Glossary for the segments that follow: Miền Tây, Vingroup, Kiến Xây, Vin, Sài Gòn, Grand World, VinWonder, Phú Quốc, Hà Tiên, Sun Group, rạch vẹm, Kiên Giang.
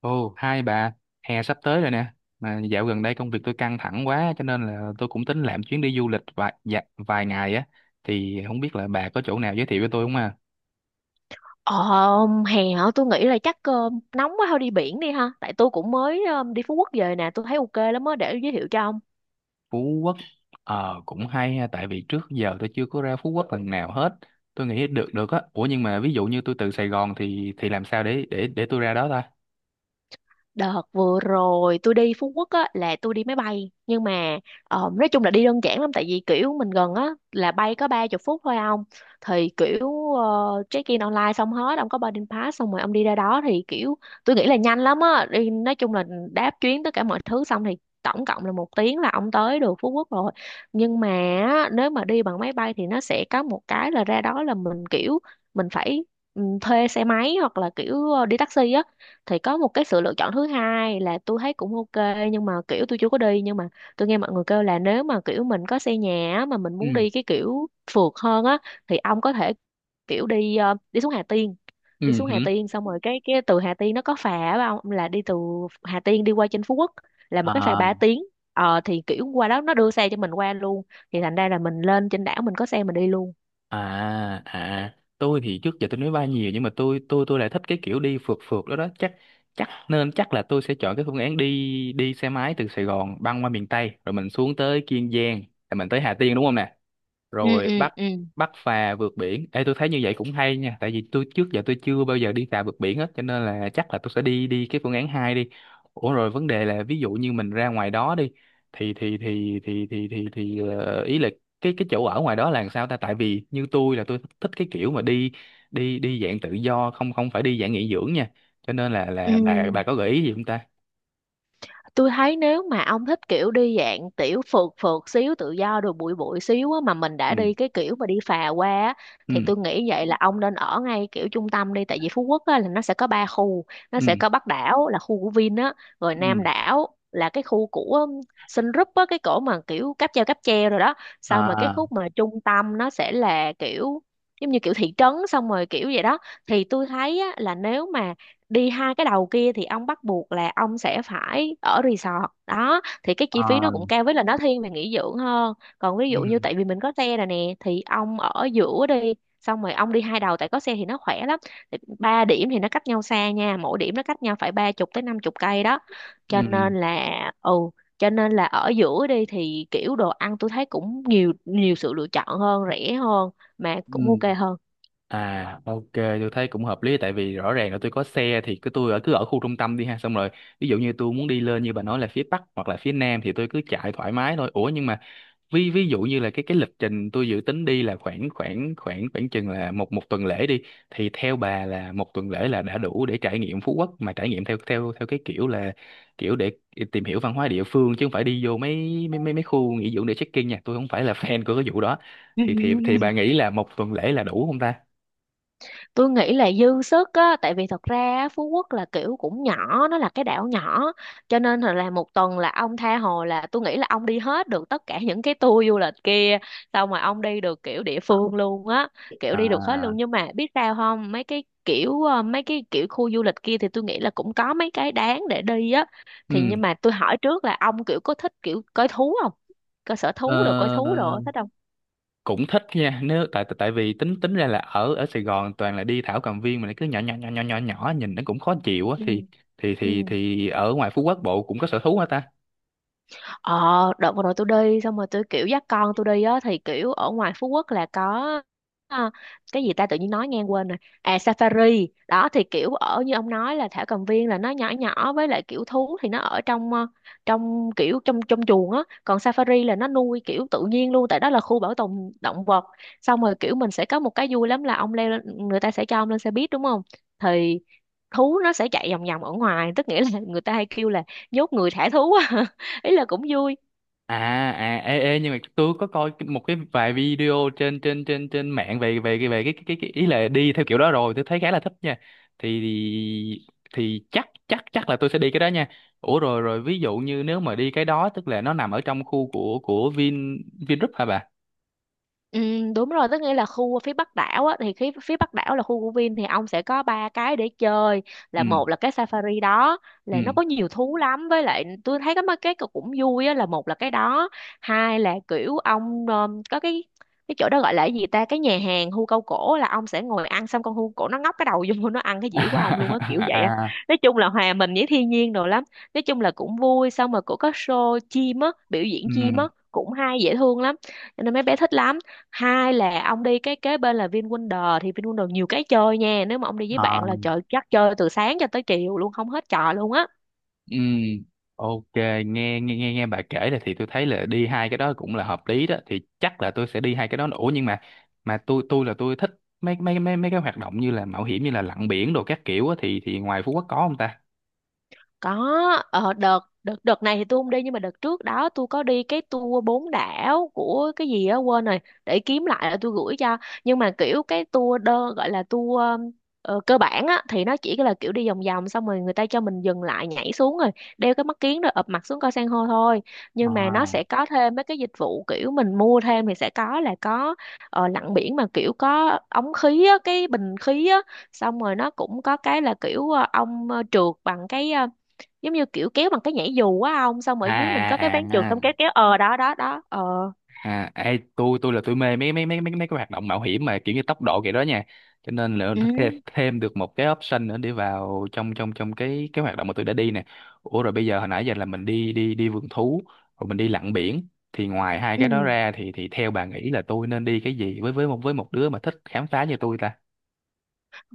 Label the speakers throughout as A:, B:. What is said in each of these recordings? A: Ồ, hai bà, hè sắp tới rồi nè. Mà dạo gần đây công việc tôi căng thẳng quá cho nên là tôi cũng tính làm chuyến đi du lịch vài ngày á thì không biết là bà có chỗ nào giới thiệu cho tôi không à?
B: Ờ, Hè hả? Tôi nghĩ là chắc nóng quá thôi đi biển đi ha. Tại tôi cũng mới đi Phú Quốc về nè, tôi thấy ok lắm á, để giới thiệu cho ông.
A: Phú Quốc ờ cũng hay ha tại vì trước giờ tôi chưa có ra Phú Quốc lần nào hết. Tôi nghĩ được được á. Ủa nhưng mà ví dụ như tôi từ Sài Gòn thì làm sao để tôi ra đó ta?
B: Đợt vừa rồi tôi đi Phú Quốc á là tôi đi máy bay, nhưng mà nói chung là đi đơn giản lắm, tại vì kiểu mình gần á là bay có ba chục phút thôi ông, thì kiểu check in online xong hết ông có boarding pass xong rồi ông đi ra đó, thì kiểu tôi nghĩ là nhanh lắm á đi, nói chung là đáp chuyến tất cả mọi thứ xong thì tổng cộng là một tiếng là ông tới được Phú Quốc rồi. Nhưng mà á, nếu mà đi bằng máy bay thì nó sẽ có một cái là ra đó là mình kiểu mình phải thuê xe máy hoặc là kiểu đi taxi á, thì có một cái sự lựa chọn thứ hai là tôi thấy cũng ok, nhưng mà kiểu tôi chưa có đi, nhưng mà tôi nghe mọi người kêu là nếu mà kiểu mình có xe nhà á, mà mình muốn
A: Ừ.
B: đi cái kiểu phượt hơn á, thì ông có thể kiểu đi đi xuống Hà Tiên, đi
A: Ừ
B: xuống Hà
A: hử.
B: Tiên xong rồi cái từ Hà Tiên nó có phà á ông, là đi từ Hà Tiên đi qua trên Phú Quốc, là một cái phà
A: À,
B: 3 tiếng. Ờ thì kiểu qua đó nó đưa xe cho mình qua luôn, thì thành ra là mình lên trên đảo mình có xe mình đi luôn.
A: à, à, tôi thì trước giờ tôi nói bay nhiều nhưng mà tôi lại thích cái kiểu đi phượt phượt đó đó chắc chắc nên chắc là tôi sẽ chọn cái phương án đi đi xe máy từ Sài Gòn băng qua miền Tây rồi mình xuống tới Kiên Giang rồi mình tới Hà Tiên đúng không nè?
B: ừ
A: Rồi
B: ừ
A: bắt
B: ừ
A: bắt phà vượt biển. Ê, tôi thấy như vậy cũng hay nha tại vì tôi trước giờ tôi chưa bao giờ đi phà vượt biển hết cho nên là chắc là tôi sẽ đi đi cái phương án hai đi. Ủa rồi vấn đề là ví dụ như mình ra ngoài đó đi ý là cái chỗ ở ngoài đó là làm sao ta, tại vì như tôi là tôi thích cái kiểu mà đi đi đi dạng tự do, không không phải đi dạng nghỉ dưỡng nha, cho nên
B: ừ
A: là bà có gợi ý gì không ta.
B: Tôi thấy nếu mà ông thích kiểu đi dạng tiểu phượt phượt xíu tự do rồi bụi bụi xíu á, mà mình
A: Ừ.
B: đã đi cái kiểu mà đi phà qua á, thì
A: Ừ.
B: tôi nghĩ vậy là ông nên ở ngay kiểu trung tâm đi, tại vì Phú Quốc á, là nó sẽ có ba khu. Nó
A: Ừ.
B: sẽ có Bắc đảo là khu của Vin á, rồi
A: Ừ.
B: Nam đảo là cái khu của um, Sun Group á, cái cổ mà kiểu cáp treo rồi đó. Xong rồi cái
A: À.
B: khúc mà trung tâm nó sẽ là kiểu giống như kiểu thị trấn xong rồi kiểu vậy đó. Thì tôi thấy á, là nếu mà đi hai cái đầu kia thì ông bắt buộc là ông sẽ phải ở resort đó, thì cái chi phí nó cũng
A: À.
B: cao, với là nó thiên về nghỉ dưỡng hơn. Còn ví
A: Ừ.
B: dụ như tại vì mình có xe rồi nè thì ông ở giữa đi, xong rồi ông đi hai đầu, tại có xe thì nó khỏe lắm. Thì ba điểm thì nó cách nhau xa nha, mỗi điểm nó cách nhau phải ba chục tới năm chục cây đó,
A: Ừ.
B: cho
A: Ừ.
B: nên là ừ, cho nên là ở giữa đi thì kiểu đồ ăn tôi thấy cũng nhiều nhiều sự lựa chọn hơn, rẻ hơn mà
A: Ừ.
B: cũng ok hơn.
A: À, ok, tôi thấy cũng hợp lý tại vì rõ ràng là tôi có xe thì cứ tôi ở cứ ở khu trung tâm đi ha, xong rồi ví dụ như tôi muốn đi lên như bà nói là phía Bắc hoặc là phía Nam thì tôi cứ chạy thoải mái thôi. Ủa nhưng mà ví ví dụ như là cái lịch trình tôi dự tính đi là khoảng khoảng khoảng khoảng chừng là một một tuần lễ đi, thì theo bà là một tuần lễ là đã đủ để trải nghiệm Phú Quốc mà trải nghiệm theo theo theo cái kiểu là kiểu để tìm hiểu văn hóa địa phương chứ không phải đi vô mấy mấy mấy mấy khu nghỉ dưỡng để check-in nha, tôi không phải là fan của cái vụ đó, thì thì bà nghĩ là một tuần lễ là đủ không ta.
B: Tôi nghĩ là dư sức á, tại vì thật ra á, Phú Quốc là kiểu cũng nhỏ, nó là cái đảo nhỏ, cho nên là một tuần là ông tha hồ, là tôi nghĩ là ông đi hết được tất cả những cái tour du lịch kia, xong rồi ông đi được kiểu địa phương luôn á, kiểu đi được hết
A: À,
B: luôn. Nhưng mà biết sao không, mấy cái kiểu mấy cái kiểu khu du lịch kia thì tôi nghĩ là cũng có mấy cái đáng để đi á. Thì
A: ừ,
B: nhưng mà tôi hỏi trước là ông kiểu có thích kiểu coi thú không, coi sở
A: ờ,
B: thú rồi coi thú rồi thích không?
A: cũng thích nha, nếu tại tại vì tính tính ra là ở ở Sài Gòn toàn là đi thảo cầm viên mà lại cứ nhỏ nhỏ nhỏ nhỏ nhỏ nhỏ nhìn nó cũng khó chịu á,
B: ừ
A: thì
B: ừ
A: thì ở ngoài Phú Quốc Bộ cũng có sở thú hả ta.
B: Ờ, đợt vừa rồi tôi đi xong rồi tôi kiểu dắt con tôi đi á, thì kiểu ở ngoài Phú Quốc là có à, cái gì ta tự nhiên nói ngang quên rồi. À, Safari. Đó, thì kiểu ở như ông nói là thảo cầm viên là nó nhỏ nhỏ, với lại kiểu thú thì nó ở trong trong kiểu trong trong chuồng á, còn Safari là nó nuôi kiểu tự nhiên luôn, tại đó là khu bảo tồn động vật. Xong rồi kiểu mình sẽ có một cái vui lắm là ông leo lên, người ta sẽ cho ông lên xe buýt đúng không? Thì thú nó sẽ chạy vòng vòng ở ngoài, tức nghĩa là người ta hay kêu là nhốt người thả thú á, ý là cũng vui.
A: À. À, ê, ê, nhưng mà tôi có coi một cái vài video trên trên mạng về về cái về cái ý là đi theo kiểu đó rồi tôi thấy khá là thích nha, thì thì chắc chắc chắc là tôi sẽ đi cái đó nha. Ủa rồi rồi ví dụ như nếu mà đi cái đó tức là nó nằm ở trong khu của Vin, Vingroup hả bà.
B: Ừ, đúng rồi, tức nghĩa là khu phía Bắc đảo á, thì phía, phía Bắc đảo là khu của Vin, thì ông sẽ có ba cái để chơi.
A: Ừ.
B: Là một là cái safari đó, là nó
A: Ừ.
B: có nhiều thú lắm, với lại tôi thấy cái mấy cái cũng vui á, là một là cái đó. Hai là kiểu ông có cái chỗ đó gọi là cái gì ta, cái nhà hàng hươu câu cổ, là ông sẽ ngồi ăn xong con hươu cổ nó ngóc cái đầu vô nó ăn cái dĩa của ông luôn á, kiểu vậy á.
A: À.
B: Nói chung là hòa mình với thiên nhiên đồ lắm, nói chung là cũng vui, xong rồi cũng có show chim á, biểu diễn chim á,
A: Ừ.
B: cũng hay, dễ thương lắm, cho nên mấy bé thích lắm. Hai là ông đi cái kế bên là VinWonder, thì VinWonder nhiều cái chơi nha, nếu mà ông đi với bạn là trời, chắc chơi từ sáng cho tới chiều luôn không hết trò luôn á.
A: Ừ, ok, nghe nghe nghe nghe bà kể là thì tôi thấy là đi hai cái đó cũng là hợp lý đó, thì chắc là tôi sẽ đi hai cái đó. Ủa nhưng mà tôi là tôi thích mấy mấy mấy mấy cái hoạt động như là mạo hiểm, như là lặn biển đồ các kiểu á, thì ngoài Phú Quốc có không ta?
B: Có, ở đợt đợt đợt này thì tôi không đi, nhưng mà đợt trước đó tôi có đi cái tour bốn đảo của cái gì á quên rồi, để kiếm lại là tôi gửi cho. Nhưng mà kiểu cái tour đơ gọi là tour cơ bản á, thì nó chỉ là kiểu đi vòng vòng xong rồi người ta cho mình dừng lại nhảy xuống rồi đeo cái mắt kiếng rồi ụp mặt xuống coi san hô thôi. Nhưng mà nó
A: À.
B: sẽ có thêm mấy cái dịch vụ kiểu mình mua thêm thì sẽ có là có lặn biển mà kiểu có ống khí á, cái bình khí á. Xong rồi nó cũng có cái là kiểu ông trượt bằng cái giống như kiểu kéo bằng cái nhảy dù á ông, xong ở
A: À
B: dưới mình có cái
A: à
B: ván trượt xong kéo
A: à.
B: kéo ờ đó đó đó ờ.
A: À, ê, tôi là tôi mê mấy mấy mấy mấy mấy cái hoạt động mạo hiểm mà kiểu như tốc độ kiểu đó nha. Cho nên là
B: ừ
A: thêm được một cái option nữa để vào trong trong trong cái hoạt động mà tôi đã đi nè. Ủa rồi bây giờ hồi nãy giờ là mình đi đi đi vườn thú, rồi mình đi lặn biển, thì ngoài hai
B: ừ
A: cái đó ra thì theo bà nghĩ là tôi nên đi cái gì, với với một đứa mà thích khám phá như tôi ta?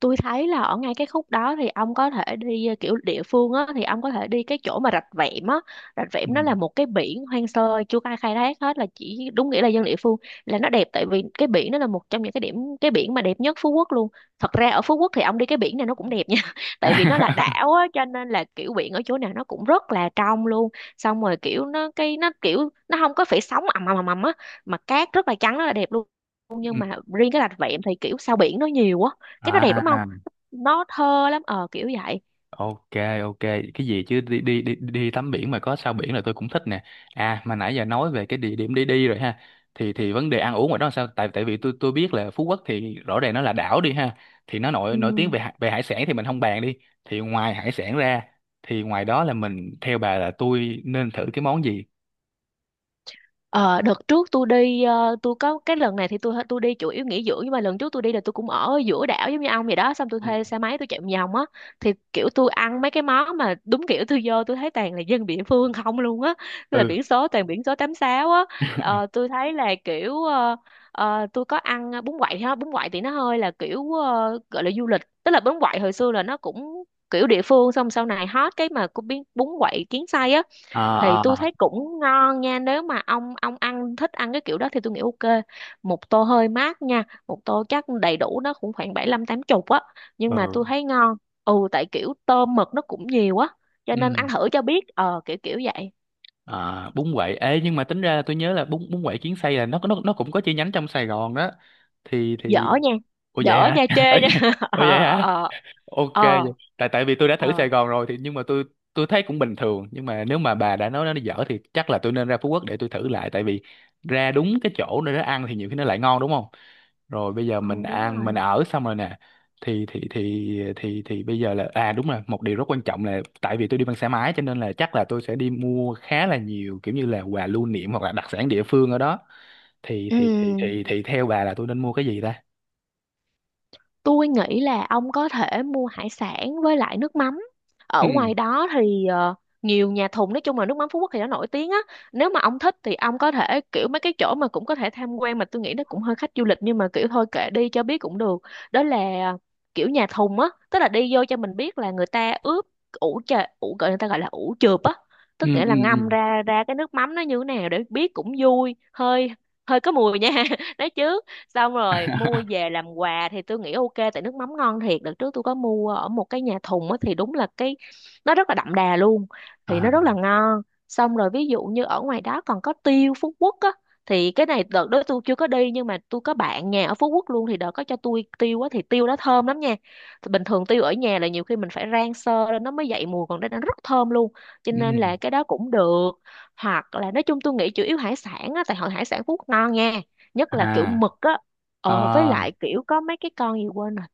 B: Tôi thấy là ở ngay cái khúc đó thì ông có thể đi kiểu địa phương á, thì ông có thể đi cái chỗ mà rạch vẹm á. Rạch
A: Ừ.
B: vẹm nó là một cái biển hoang sơ chưa ai khai thác hết, là chỉ đúng nghĩa là dân địa phương, là nó đẹp, tại vì cái biển nó là một trong những cái điểm, cái biển mà đẹp nhất Phú Quốc luôn. Thật ra ở Phú Quốc thì ông đi cái biển này nó cũng đẹp nha tại vì nó là đảo á, cho nên là kiểu biển ở chỗ nào nó cũng rất là trong luôn. Xong rồi kiểu nó cái nó kiểu nó không có phải sóng ầm ầm ầm ầm á, mà cát rất là trắng, rất là đẹp luôn.
A: Ừ.
B: Nhưng mà riêng cái rạch vẹm thì kiểu sao biển nó nhiều á, cái nó đẹp
A: À,
B: đúng không, nó thơ lắm, ờ kiểu vậy.
A: ok, ok, cái gì chứ đi đi đi đi tắm biển mà có sao biển là tôi cũng thích nè. À mà nãy giờ nói về cái địa điểm đi đi rồi ha. Thì vấn đề ăn uống ngoài đó là sao? Tại tại vì tôi biết là Phú Quốc thì rõ ràng nó là đảo đi ha. Thì nó nổi
B: Ừ.
A: nổi tiếng về về hải sản thì mình không bàn đi. Thì ngoài hải sản ra thì ngoài đó là mình theo bà là tôi nên thử cái món gì?
B: Ờ, đợt trước tôi đi ờ, tôi có cái lần này thì tôi đi chủ yếu nghỉ dưỡng, nhưng mà lần trước tôi đi là tôi cũng ở giữa đảo giống như ông vậy đó, xong tôi
A: Ừ.
B: thuê xe máy tôi chạy vòng vòng á, thì kiểu tôi ăn mấy cái món mà đúng kiểu tôi vô tôi thấy toàn là dân địa phương không luôn á, là
A: Ừ.
B: biển số toàn biển số 86 á. Ờ, tôi thấy là kiểu tôi có ăn bún quậy ha, bún quậy thì nó hơi là kiểu gọi là du lịch, tức là bún quậy hồi xưa là nó cũng kiểu địa phương, xong sau này hot cái mà cũng biến bún quậy kiến xây á. Thì
A: À,
B: tôi
A: à.
B: thấy cũng ngon nha, nếu mà ông ăn thích ăn cái kiểu đó thì tôi nghĩ ok. Một tô hơi mát nha, một tô chắc đầy đủ nó cũng khoảng bảy lăm tám chục á, nhưng mà
A: Ừ.
B: tôi thấy ngon. Ừ, tại kiểu tôm mực nó cũng nhiều á, cho
A: Ừ.
B: nên ăn thử cho biết ờ kiểu kiểu vậy.
A: À, bún quậy. Ê nhưng mà tính ra là tôi nhớ là bún bún quậy Kiến Xây là nó cũng có chi nhánh trong Sài Gòn đó. Thì
B: Dở
A: thì.
B: nha,
A: Ủa vậy
B: dở
A: hả?
B: nha, chê
A: Ủa
B: nha.
A: vậy, ủa
B: Ờ
A: vậy hả?
B: ờ
A: Ok vậy.
B: ờ
A: Tại tại vì tôi đã thử
B: ờ.
A: Sài Gòn rồi thì nhưng mà tôi thấy cũng bình thường, nhưng mà nếu mà bà đã nói nó dở thì chắc là tôi nên ra Phú Quốc để tôi thử lại, tại vì ra đúng cái chỗ nơi nó ăn thì nhiều khi nó lại ngon đúng không? Rồi bây giờ
B: Ừ
A: mình
B: đúng
A: ăn mình
B: rồi.
A: ở xong rồi nè, thì bây giờ là à đúng rồi, một điều rất quan trọng là tại vì tôi đi bằng xe máy cho nên là chắc là tôi sẽ đi mua khá là nhiều kiểu như là quà lưu niệm hoặc là đặc sản địa phương ở đó, thì
B: Ừ,
A: theo bà là tôi nên mua cái gì ta?
B: tôi nghĩ là ông có thể mua hải sản với lại nước mắm. Ở
A: Ừ.
B: ngoài đó thì nhiều nhà thùng, nói chung là nước mắm Phú Quốc thì nó nổi tiếng á. Nếu mà ông thích thì ông có thể kiểu mấy cái chỗ mà cũng có thể tham quan, mà tôi nghĩ nó cũng hơi khách du lịch nhưng mà kiểu thôi kệ đi cho biết cũng được. Đó là ờ, kiểu nhà thùng á, tức là đi vô cho mình biết là người ta ướp, ủ chà ủ gọi người ta gọi là ủ chượp á,
A: Ừ.
B: tức nghĩa
A: Ừ.
B: là
A: Ừ.
B: ngâm ra ra cái nước mắm nó như thế nào để biết cũng vui. Hơi hơi có mùi nha đấy chứ. Xong rồi mua về làm quà thì tôi nghĩ ok, tại nước mắm ngon thiệt. Đợt trước tôi có mua ở một cái nhà thùng á thì đúng là cái nó rất là đậm đà luôn, thì
A: À.
B: nó rất là ngon. Xong rồi ví dụ như ở ngoài đó còn có tiêu Phú Quốc á, thì cái này đợt đó tôi chưa có đi nhưng mà tôi có bạn nhà ở Phú Quốc luôn, thì đợt có cho tôi tiêu á thì tiêu đó thơm lắm nha. Thì bình thường tiêu ở nhà là nhiều khi mình phải rang sơ lên nó mới dậy mùi, còn đây nó rất thơm luôn, cho
A: Ừ.
B: nên là cái đó cũng được. Hoặc là nói chung tôi nghĩ chủ yếu hải sản á, tại hội hải sản Phú Quốc ngon nha, nhất là kiểu
A: À.
B: mực á. Ờ, với
A: Ờ.
B: lại kiểu có mấy cái con gì quên rồi,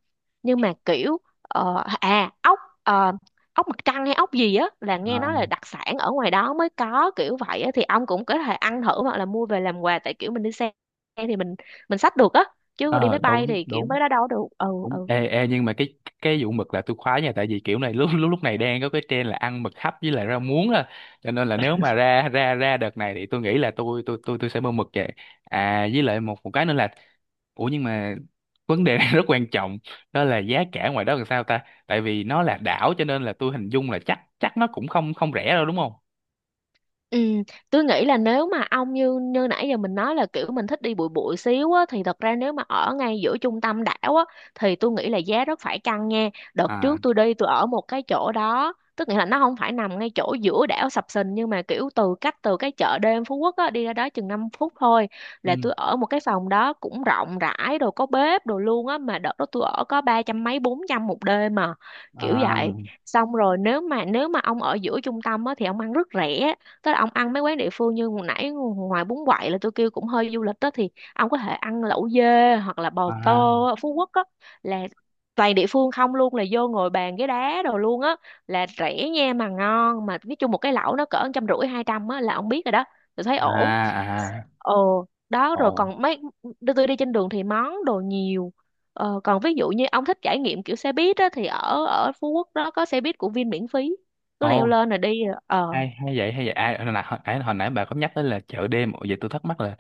B: nhưng mà kiểu ốc, ốc mặt trăng hay ốc gì á là nghe
A: Ờ.
B: nói là đặc sản ở ngoài đó mới có kiểu vậy á, thì ông cũng có thể ăn thử hoặc là mua về làm quà, tại kiểu mình đi xe thì mình xách được á, chứ đi
A: Ờ,
B: máy bay
A: đúng
B: thì kiểu
A: đúng
B: mấy đó đâu có được. Ừ ừ.
A: đúng. Ê ê nhưng mà cái vụ mực là tôi khoái nha, tại vì kiểu này lúc lúc lúc này đang có cái trend là ăn mực hấp với lại rau muống đó, cho nên là nếu mà ra ra ra đợt này thì tôi nghĩ là tôi sẽ mua mực về. À với lại một một cái nữa là, ủa nhưng mà vấn đề này rất quan trọng, đó là giá cả ngoài đó làm sao ta, tại vì nó là đảo cho nên là tôi hình dung là chắc chắc nó cũng không không rẻ đâu đúng không.
B: Ừ, tôi nghĩ là nếu mà ông như như nãy giờ mình nói là kiểu mình thích đi bụi bụi xíu á, thì thật ra nếu mà ở ngay giữa trung tâm đảo á thì tôi nghĩ là giá rất phải căng nha. Đợt
A: À.
B: trước tôi đi tôi ở một cái chỗ đó, tức nghĩa là nó không phải nằm ngay chỗ giữa đảo sập sình, nhưng mà kiểu từ cái chợ đêm Phú Quốc á đi ra đó chừng 5 phút thôi, là
A: Ừ.
B: tôi ở một cái phòng đó cũng rộng rãi rồi, có bếp đồ luôn á, mà đợt đó tôi ở có 300 mấy 400 một đêm mà kiểu
A: À.
B: vậy. Xong rồi nếu mà ông ở giữa trung tâm á thì ông ăn rất rẻ, tức là ông ăn mấy quán địa phương như hồi nãy. Ngoài bún quậy là tôi kêu cũng hơi du lịch đó, thì ông có thể ăn lẩu dê hoặc là bò
A: À.
B: tô ở Phú Quốc á, là toàn địa phương không luôn, là vô ngồi bàn ghế đá đồ luôn á, là rẻ nha mà ngon, mà nói chung một cái lẩu nó cỡ 150 200 á là ông biết rồi đó. Tôi thấy
A: À.
B: ổn.
A: À. À.
B: Ồ đó rồi
A: Ồ.
B: còn mấy, đưa tôi đi trên đường thì món đồ nhiều. Còn ví dụ như ông thích trải nghiệm kiểu xe buýt á thì ở ở Phú Quốc đó có xe buýt của Vin miễn phí, cứ leo
A: Ồ,
B: lên rồi đi. Ờ
A: hay hay vậy, hay vậy à. Hồi nãy bà có nhắc tới là chợ đêm. Ồ, vậy tôi thắc mắc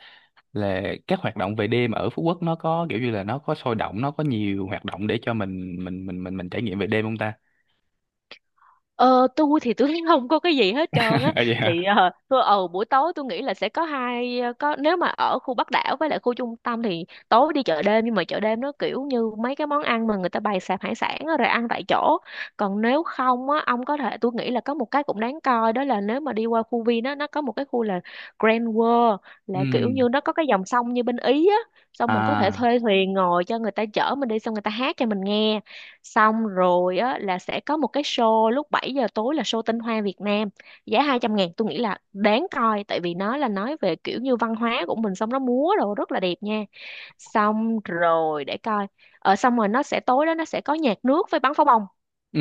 A: là các hoạt động về đêm ở Phú Quốc nó có kiểu như là nó có sôi động, nó có nhiều hoạt động để cho mình mình trải nghiệm về đêm không ta.
B: Ờ, tôi thì tôi không có cái gì hết trơn á.
A: À vậy
B: Thì
A: hả.
B: tôi buổi tối tôi nghĩ là sẽ có hai, có nếu mà ở khu Bắc đảo với lại khu trung tâm thì tối đi chợ đêm, nhưng mà chợ đêm nó kiểu như mấy cái món ăn mà người ta bày sạp hải sản á, rồi ăn tại chỗ. Còn nếu không á ông có thể, tôi nghĩ là có một cái cũng đáng coi, đó là nếu mà đi qua khu Vin á nó có một cái khu là Grand World,
A: Ừ.
B: là kiểu như nó có cái dòng sông như bên Ý á, xong mình có thể
A: À.
B: thuê thuyền ngồi cho người ta chở mình đi, xong người ta hát cho mình nghe, xong rồi á là sẽ có một cái show lúc 7 giờ tối là show tinh hoa Việt Nam, giá 200.000, tôi nghĩ là đáng coi tại vì nó là nói về kiểu như văn hóa của mình, xong nó múa rồi rất là đẹp nha. Xong rồi để coi, xong rồi nó sẽ tối đó nó sẽ có nhạc nước với bắn pháo bông.
A: Ừ,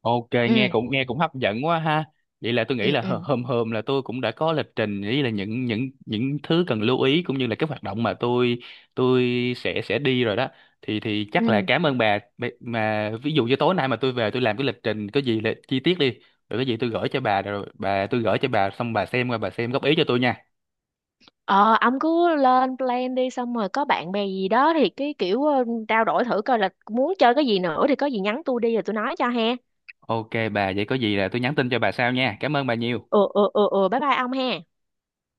A: ok, nghe
B: Ừ
A: cũng hấp dẫn quá ha. Vậy là tôi nghĩ
B: ừ
A: là
B: ừ
A: hôm hôm là tôi cũng đã có lịch trình với là những thứ cần lưu ý cũng như là các hoạt động mà tôi sẽ đi rồi đó. Thì chắc
B: ừ.
A: là cảm ơn bà. Mà ví dụ như tối nay mà tôi về tôi làm cái lịch trình có gì là chi tiết đi. Rồi cái gì tôi gửi cho bà rồi bà tôi gửi cho bà xong bà xem qua bà xem góp ý cho tôi nha.
B: Ờ ông cứ lên plan đi xong rồi có bạn bè gì đó thì cái kiểu trao đổi thử coi là muốn chơi cái gì nữa, thì có gì nhắn tôi đi rồi tôi nói cho ha.
A: Ok bà, vậy có gì là tôi nhắn tin cho bà sau nha. Cảm ơn bà nhiều.
B: Ừ ừ ừ ừ, bye bye ông ha.